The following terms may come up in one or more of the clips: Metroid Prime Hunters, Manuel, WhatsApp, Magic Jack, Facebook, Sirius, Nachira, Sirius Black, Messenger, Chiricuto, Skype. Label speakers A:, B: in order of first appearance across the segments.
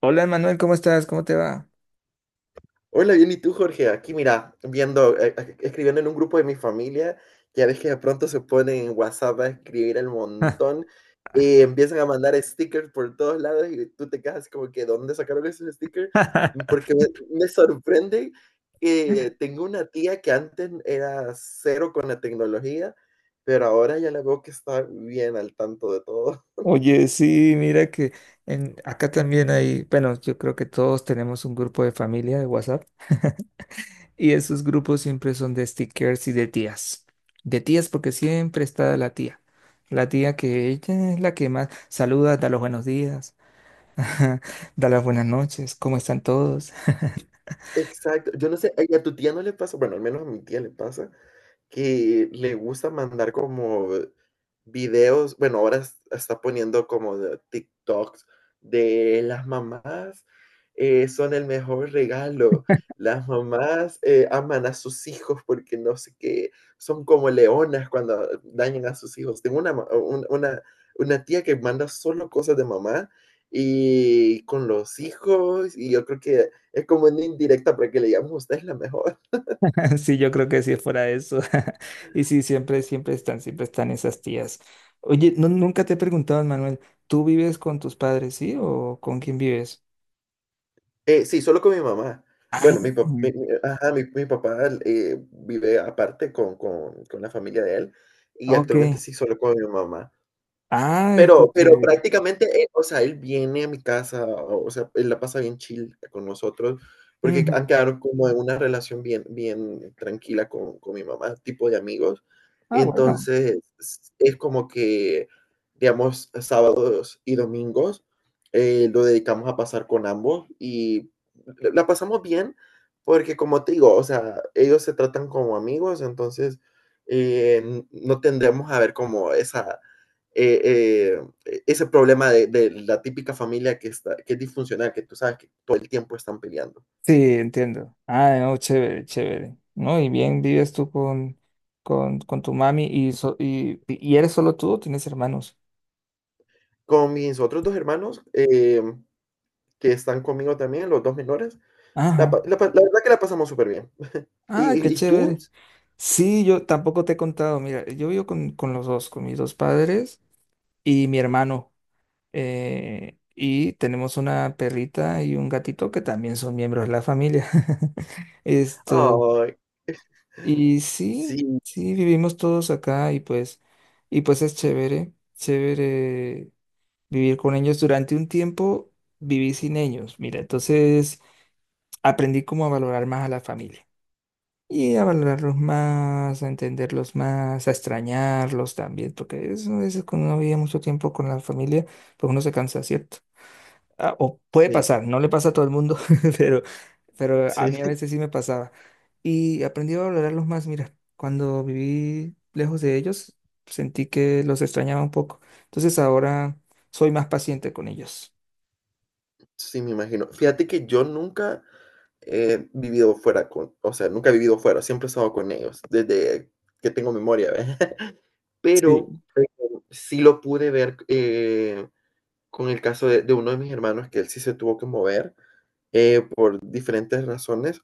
A: Hola Manuel, ¿cómo estás? ¿Cómo te va?
B: Hola, bien, ¿y tú, Jorge? Aquí, mira, viendo, escribiendo en un grupo de mi familia, ya ves que de pronto se ponen en WhatsApp a escribir el montón, empiezan a mandar stickers por todos lados y tú te quedas así como que, ¿dónde sacaron esos stickers? Porque me, me sorprende que tengo una tía que antes era cero con la tecnología, pero ahora ya la veo que está bien al tanto de todo.
A: Oye, sí, mira que acá también hay, bueno, yo creo que todos tenemos un grupo de familia de WhatsApp y esos grupos siempre son de stickers y de tías. De tías porque siempre está la tía. La tía que ella es la que más saluda, da los buenos días, da las buenas noches, ¿cómo están todos?
B: Exacto, yo no sé, ¿a tu tía no le pasa? Bueno, al menos a mi tía le pasa que le gusta mandar como videos, bueno, ahora está poniendo como de TikToks de las mamás, son el mejor regalo. Las mamás, aman a sus hijos porque no sé qué, son como leonas cuando dañan a sus hijos. Tengo una, ma- un- una tía que manda solo cosas de mamá y con los hijos, y yo creo que es como una indirecta para que le digamos, usted es la mejor.
A: Sí, yo creo que sí fuera eso. Y sí, siempre, siempre están esas tías. Oye, no, nunca te he preguntado, Manuel, ¿tú vives con tus padres, sí? ¿O con quién vives?
B: Sí, solo con mi mamá.
A: Ah,
B: Bueno, mi papá, ajá, mi papá, vive aparte con, con la familia de él, y actualmente
A: ok.
B: sí, solo con mi mamá.
A: Ay, qué
B: Pero
A: chévere.
B: prácticamente, o sea, él viene a mi casa, o sea, él la pasa bien chill con nosotros, porque han
A: Ujú.
B: quedado como en una relación bien tranquila con mi mamá, tipo de amigos.
A: Ah, bueno.
B: Entonces, es como que, digamos, sábados y domingos, lo dedicamos a pasar con ambos, y la pasamos bien, porque como te digo, o sea, ellos se tratan como amigos, entonces, no tendremos a ver como esa ese problema de la típica familia que, está, que es disfuncional, que tú sabes que todo el tiempo están peleando.
A: Sí, entiendo. Ah, no, chévere, chévere. No, y bien, vives tú con tu mami y, y, ¿y eres solo tú o tienes hermanos?
B: Con mis otros dos hermanos, que están conmigo también, los dos menores,
A: Ajá.
B: la verdad que la pasamos súper bien. ¿Y,
A: Ah, qué
B: y tú?
A: chévere. Sí, yo tampoco te he contado. Mira, yo vivo con los dos, con mis dos padres y mi hermano. Y tenemos una perrita y un gatito que también son miembros de la familia. Esto.
B: Ay,
A: Y sí,
B: sí,
A: sí, vivimos todos acá y pues es chévere, chévere vivir con ellos. Durante un tiempo viví sin ellos. Mira, entonces aprendí como a valorar más a la familia, y a valorarlos más, a entenderlos más, a extrañarlos también, porque eso a veces cuando uno vive mucho tiempo con la familia, pues uno se cansa, ¿cierto? Ah, o puede
B: sí,
A: pasar, no le pasa a todo el mundo, pero, pero
B: sí,
A: a mí a veces sí me pasaba. Y aprendí a valorarlos más, mira, cuando viví lejos de ellos, sentí que los extrañaba un poco. Entonces ahora soy más paciente con ellos.
B: sí, me imagino. Fíjate que yo nunca he vivido fuera con, o sea, nunca he vivido fuera, siempre he estado con ellos, desde que tengo memoria, ¿ves? Pero
A: Sí.
B: sí lo pude ver, con el caso de uno de mis hermanos, que él sí se tuvo que mover, por diferentes razones,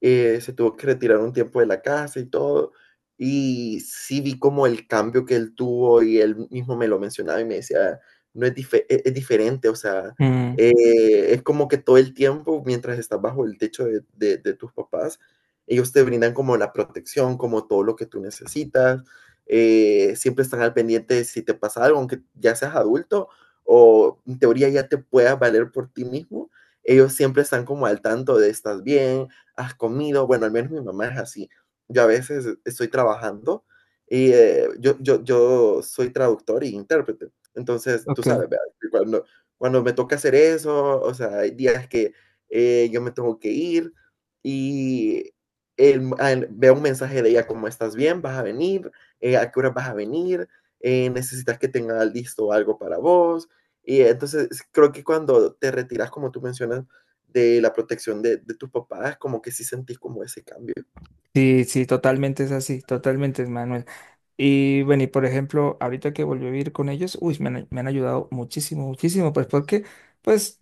B: se tuvo que retirar un tiempo de la casa y todo. Y sí vi como el cambio que él tuvo, y él mismo me lo mencionaba y me decía, no es, es diferente, o sea,
A: Mm,
B: es como que todo el tiempo, mientras estás bajo el techo de tus papás, ellos te brindan como la protección, como todo lo que tú necesitas, siempre están al pendiente de si te pasa algo, aunque ya seas adulto o en teoría ya te puedas valer por ti mismo, ellos siempre están como al tanto de estás bien, has comido, bueno, al menos mi mamá es así. Yo a veces estoy trabajando y yo soy traductor y intérprete. Entonces, tú
A: ok.
B: sabes, ¿verdad? Cuando me toca hacer eso, o sea, hay días que yo me tengo que ir y veo un mensaje de ella como estás bien, vas a venir, eh, a qué hora vas a venir, eh, necesitas que tenga listo algo para vos, y entonces creo que cuando te retiras, como tú mencionas, de la protección de tus papás, como que sí sentís como ese cambio.
A: Sí, sí, totalmente es así, totalmente, hermano. Y bueno, y por ejemplo, ahorita que volví a vivir con ellos, uy, me han ayudado muchísimo, muchísimo, pues porque pues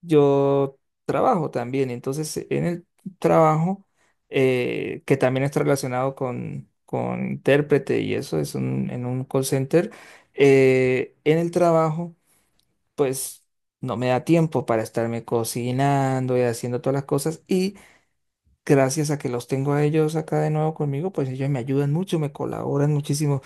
A: yo trabajo también, entonces en el trabajo, que también está relacionado con intérprete y eso, es un, en un call center, en el trabajo, pues no me da tiempo para estarme cocinando y haciendo todas las cosas y gracias a que los tengo a ellos acá de nuevo conmigo, pues ellos me ayudan mucho, me colaboran muchísimo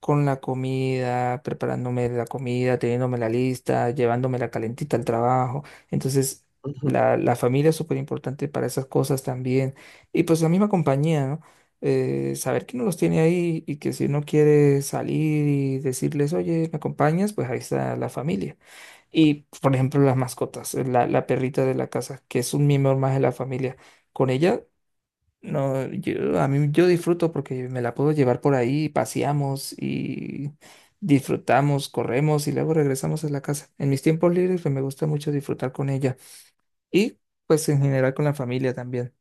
A: con la comida, preparándome la comida, teniéndome la lista, llevándome la calentita al trabajo. Entonces,
B: Ujú.
A: la familia es súper importante para esas cosas también. Y pues la misma compañía, ¿no? Saber que no los tiene ahí y que si uno quiere salir y decirles, oye, ¿me acompañas? Pues ahí está la familia. Y, por ejemplo, las mascotas, la perrita de la casa, que es un miembro más de la familia. Con ella no, yo, a mí yo disfruto porque me la puedo llevar por ahí, paseamos y disfrutamos, corremos y luego regresamos a la casa. En mis tiempos libres pues, me gusta mucho disfrutar con ella y pues en general con la familia también,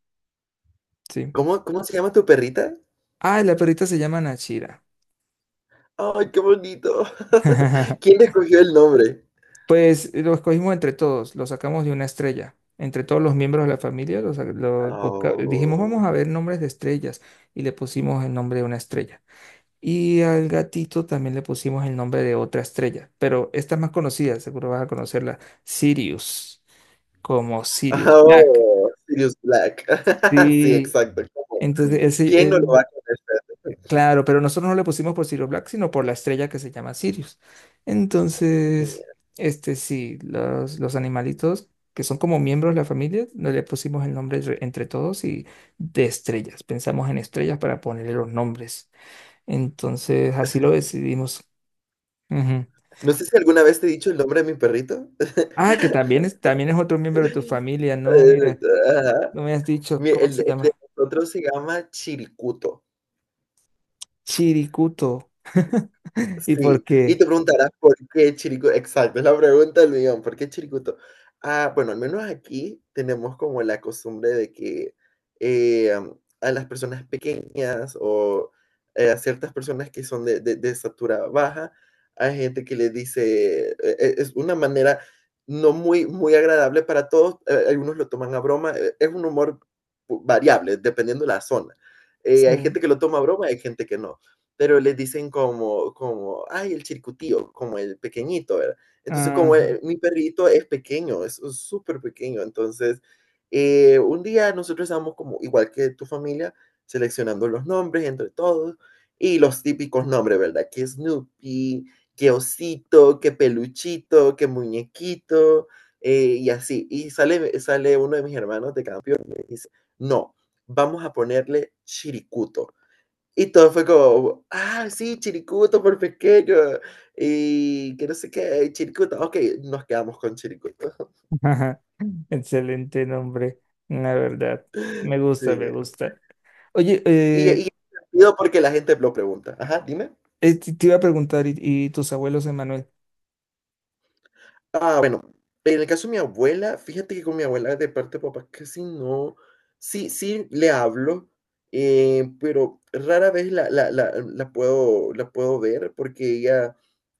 A: sí.
B: Cómo se llama tu perrita?
A: Ah, la perrita se llama Nachira.
B: ¡Ay, qué bonito! ¿Quién le escogió el nombre?
A: Pues lo escogimos entre todos, lo sacamos de una estrella. Entre todos los miembros de la familia, lo, sa- lo busca- dijimos, vamos
B: Oh,
A: a ver nombres de estrellas y le pusimos el nombre de una estrella. Y al gatito también le pusimos el nombre de otra estrella, pero esta es más conocida, seguro vas a conocerla, Sirius, como Sirius Black.
B: oh, Sirius Black. Sí,
A: Sí,
B: exacto, como,
A: entonces ese,
B: ¿quién no lo va a conocer?
A: claro, pero nosotros no le pusimos por Sirius Black, sino por la estrella que se llama Sirius. Entonces,
B: Genial.
A: este sí, los animalitos que son como miembros de la familia, no le pusimos el entre todos y de estrellas. Pensamos en estrellas para ponerle los nombres. Entonces, así lo decidimos. Ujú.
B: No sé si alguna vez te he dicho el nombre de mi perrito.
A: Ah, que también es otro miembro de tu familia, ¿no?
B: Eh,
A: Mira,
B: ajá.
A: no me has dicho, ¿cómo se
B: El de
A: llama?
B: nosotros se llama Chiricuto.
A: Chiricuto. ¿Y por
B: Sí, y te
A: qué?
B: preguntarás por qué Chirico, exacto, es la pregunta del millón, ¿por qué Chiricuto? Ah, bueno, al menos aquí tenemos como la costumbre de que, em, a las personas pequeñas o, a ciertas personas que son de de estatura baja, hay gente que les dice, es una manera no muy agradable para todos, algunos lo toman a broma, es un humor variable, dependiendo de la zona. Hay
A: Sí.
B: gente que lo toma a broma, hay gente que no, pero les dicen como, como, ay, el circuitío, como el pequeñito, ¿verdad? Entonces, como
A: Ajá,
B: mi perrito es pequeño, es súper pequeño, entonces, un día nosotros estábamos como, igual que tu familia, seleccionando los nombres entre todos, y los típicos nombres, ¿verdad? Que Snoopy, que osito, que peluchito, que muñequito, y así. Y sale uno de mis hermanos de campeón y me dice, no, vamos a ponerle chiricuto. Y todo fue como, ah, sí, Chiricuto por pequeño. Y que no sé qué, y Chiricuto. Ok, nos quedamos con Chiricuto.
A: ajá. Excelente nombre, la verdad. Me gusta, me
B: Sí.
A: gusta. Oye,
B: Y es divertido porque la gente lo pregunta. Ajá, dime.
A: te iba a preguntar, y tus abuelos, Emanuel?
B: Ah, bueno, en el caso de mi abuela, fíjate que con mi abuela de parte de papá casi no. Sí, sí le hablo, pero rara vez la puedo ver porque ella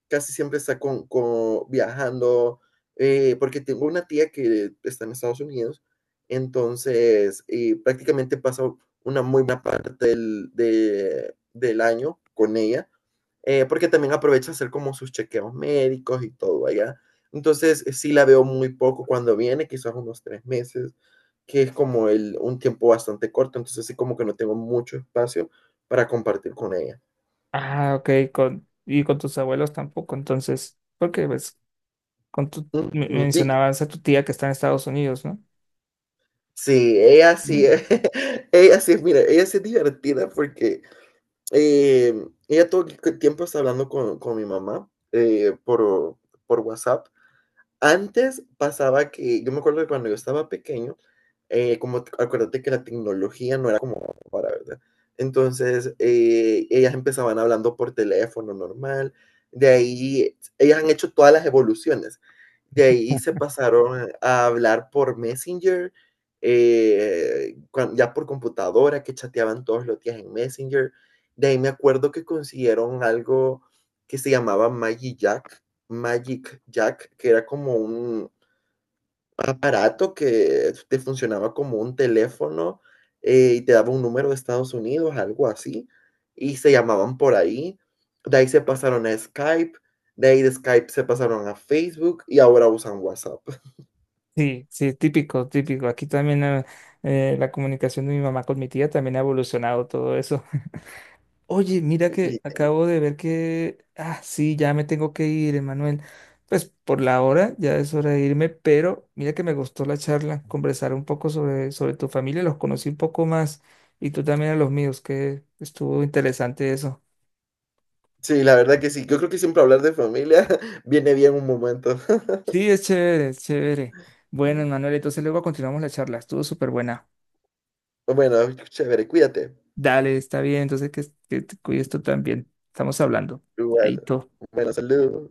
B: casi siempre está con viajando, porque tengo una tía que está en Estados Unidos, entonces, prácticamente paso una muy buena parte del año con ella, porque también aprovecha hacer como sus chequeos médicos y todo allá. Entonces, sí la veo muy poco cuando viene, quizás unos 3 meses, que es como el, un tiempo bastante corto, entonces sí como que no tengo mucho espacio para compartir con ella.
A: Ah, ok, con, y con tus abuelos tampoco, entonces, porque pues, con tu,
B: Y,
A: mencionabas a tu tía que está en Estados Unidos, ¿no?
B: sí,
A: Mm.
B: mira, ella sí es divertida porque eh, ella todo el tiempo está hablando con mi mamá, por WhatsApp. Antes pasaba que yo me acuerdo que cuando yo estaba pequeño, como t acuérdate que la tecnología no era como para, ¿verdad? Entonces, ellas empezaban hablando por teléfono normal, de ahí ellas han hecho todas las evoluciones. De ahí se pasaron a hablar por Messenger, cuan ya por computadora, que chateaban todos los días en Messenger. De ahí me acuerdo que consiguieron algo que se llamaba Magic Jack. Magic Jack, que era como un aparato que te funcionaba como un teléfono, y te daba un número de Estados Unidos, algo así, y se llamaban por ahí. De ahí se pasaron a Skype, de ahí de Skype se pasaron a Facebook, y ahora usan WhatsApp.
A: Sí, sí, típico, típico. Aquí también la comunicación de mi mamá con mi tía también ha evolucionado todo eso. Oye, mira que
B: Li-
A: acabo de ver que, ah, sí, ya me tengo que ir, Emanuel. Pues por la hora ya es hora de irme, pero mira que me gustó la charla, conversar un poco sobre, sobre tu familia, los conocí un poco más y tú también a los míos, que estuvo interesante eso.
B: Sí, la verdad que sí. Yo creo que siempre hablar de familia viene bien un momento.
A: Sí, es chévere, es chévere. Bueno, Emanuel, entonces luego continuamos la charla, estuvo súper buena.
B: Bueno, chévere, cuídate.
A: Dale, está bien, entonces que te cuides tú también. Estamos hablando. Ahí
B: Igual.
A: todo.
B: Bueno, saludos.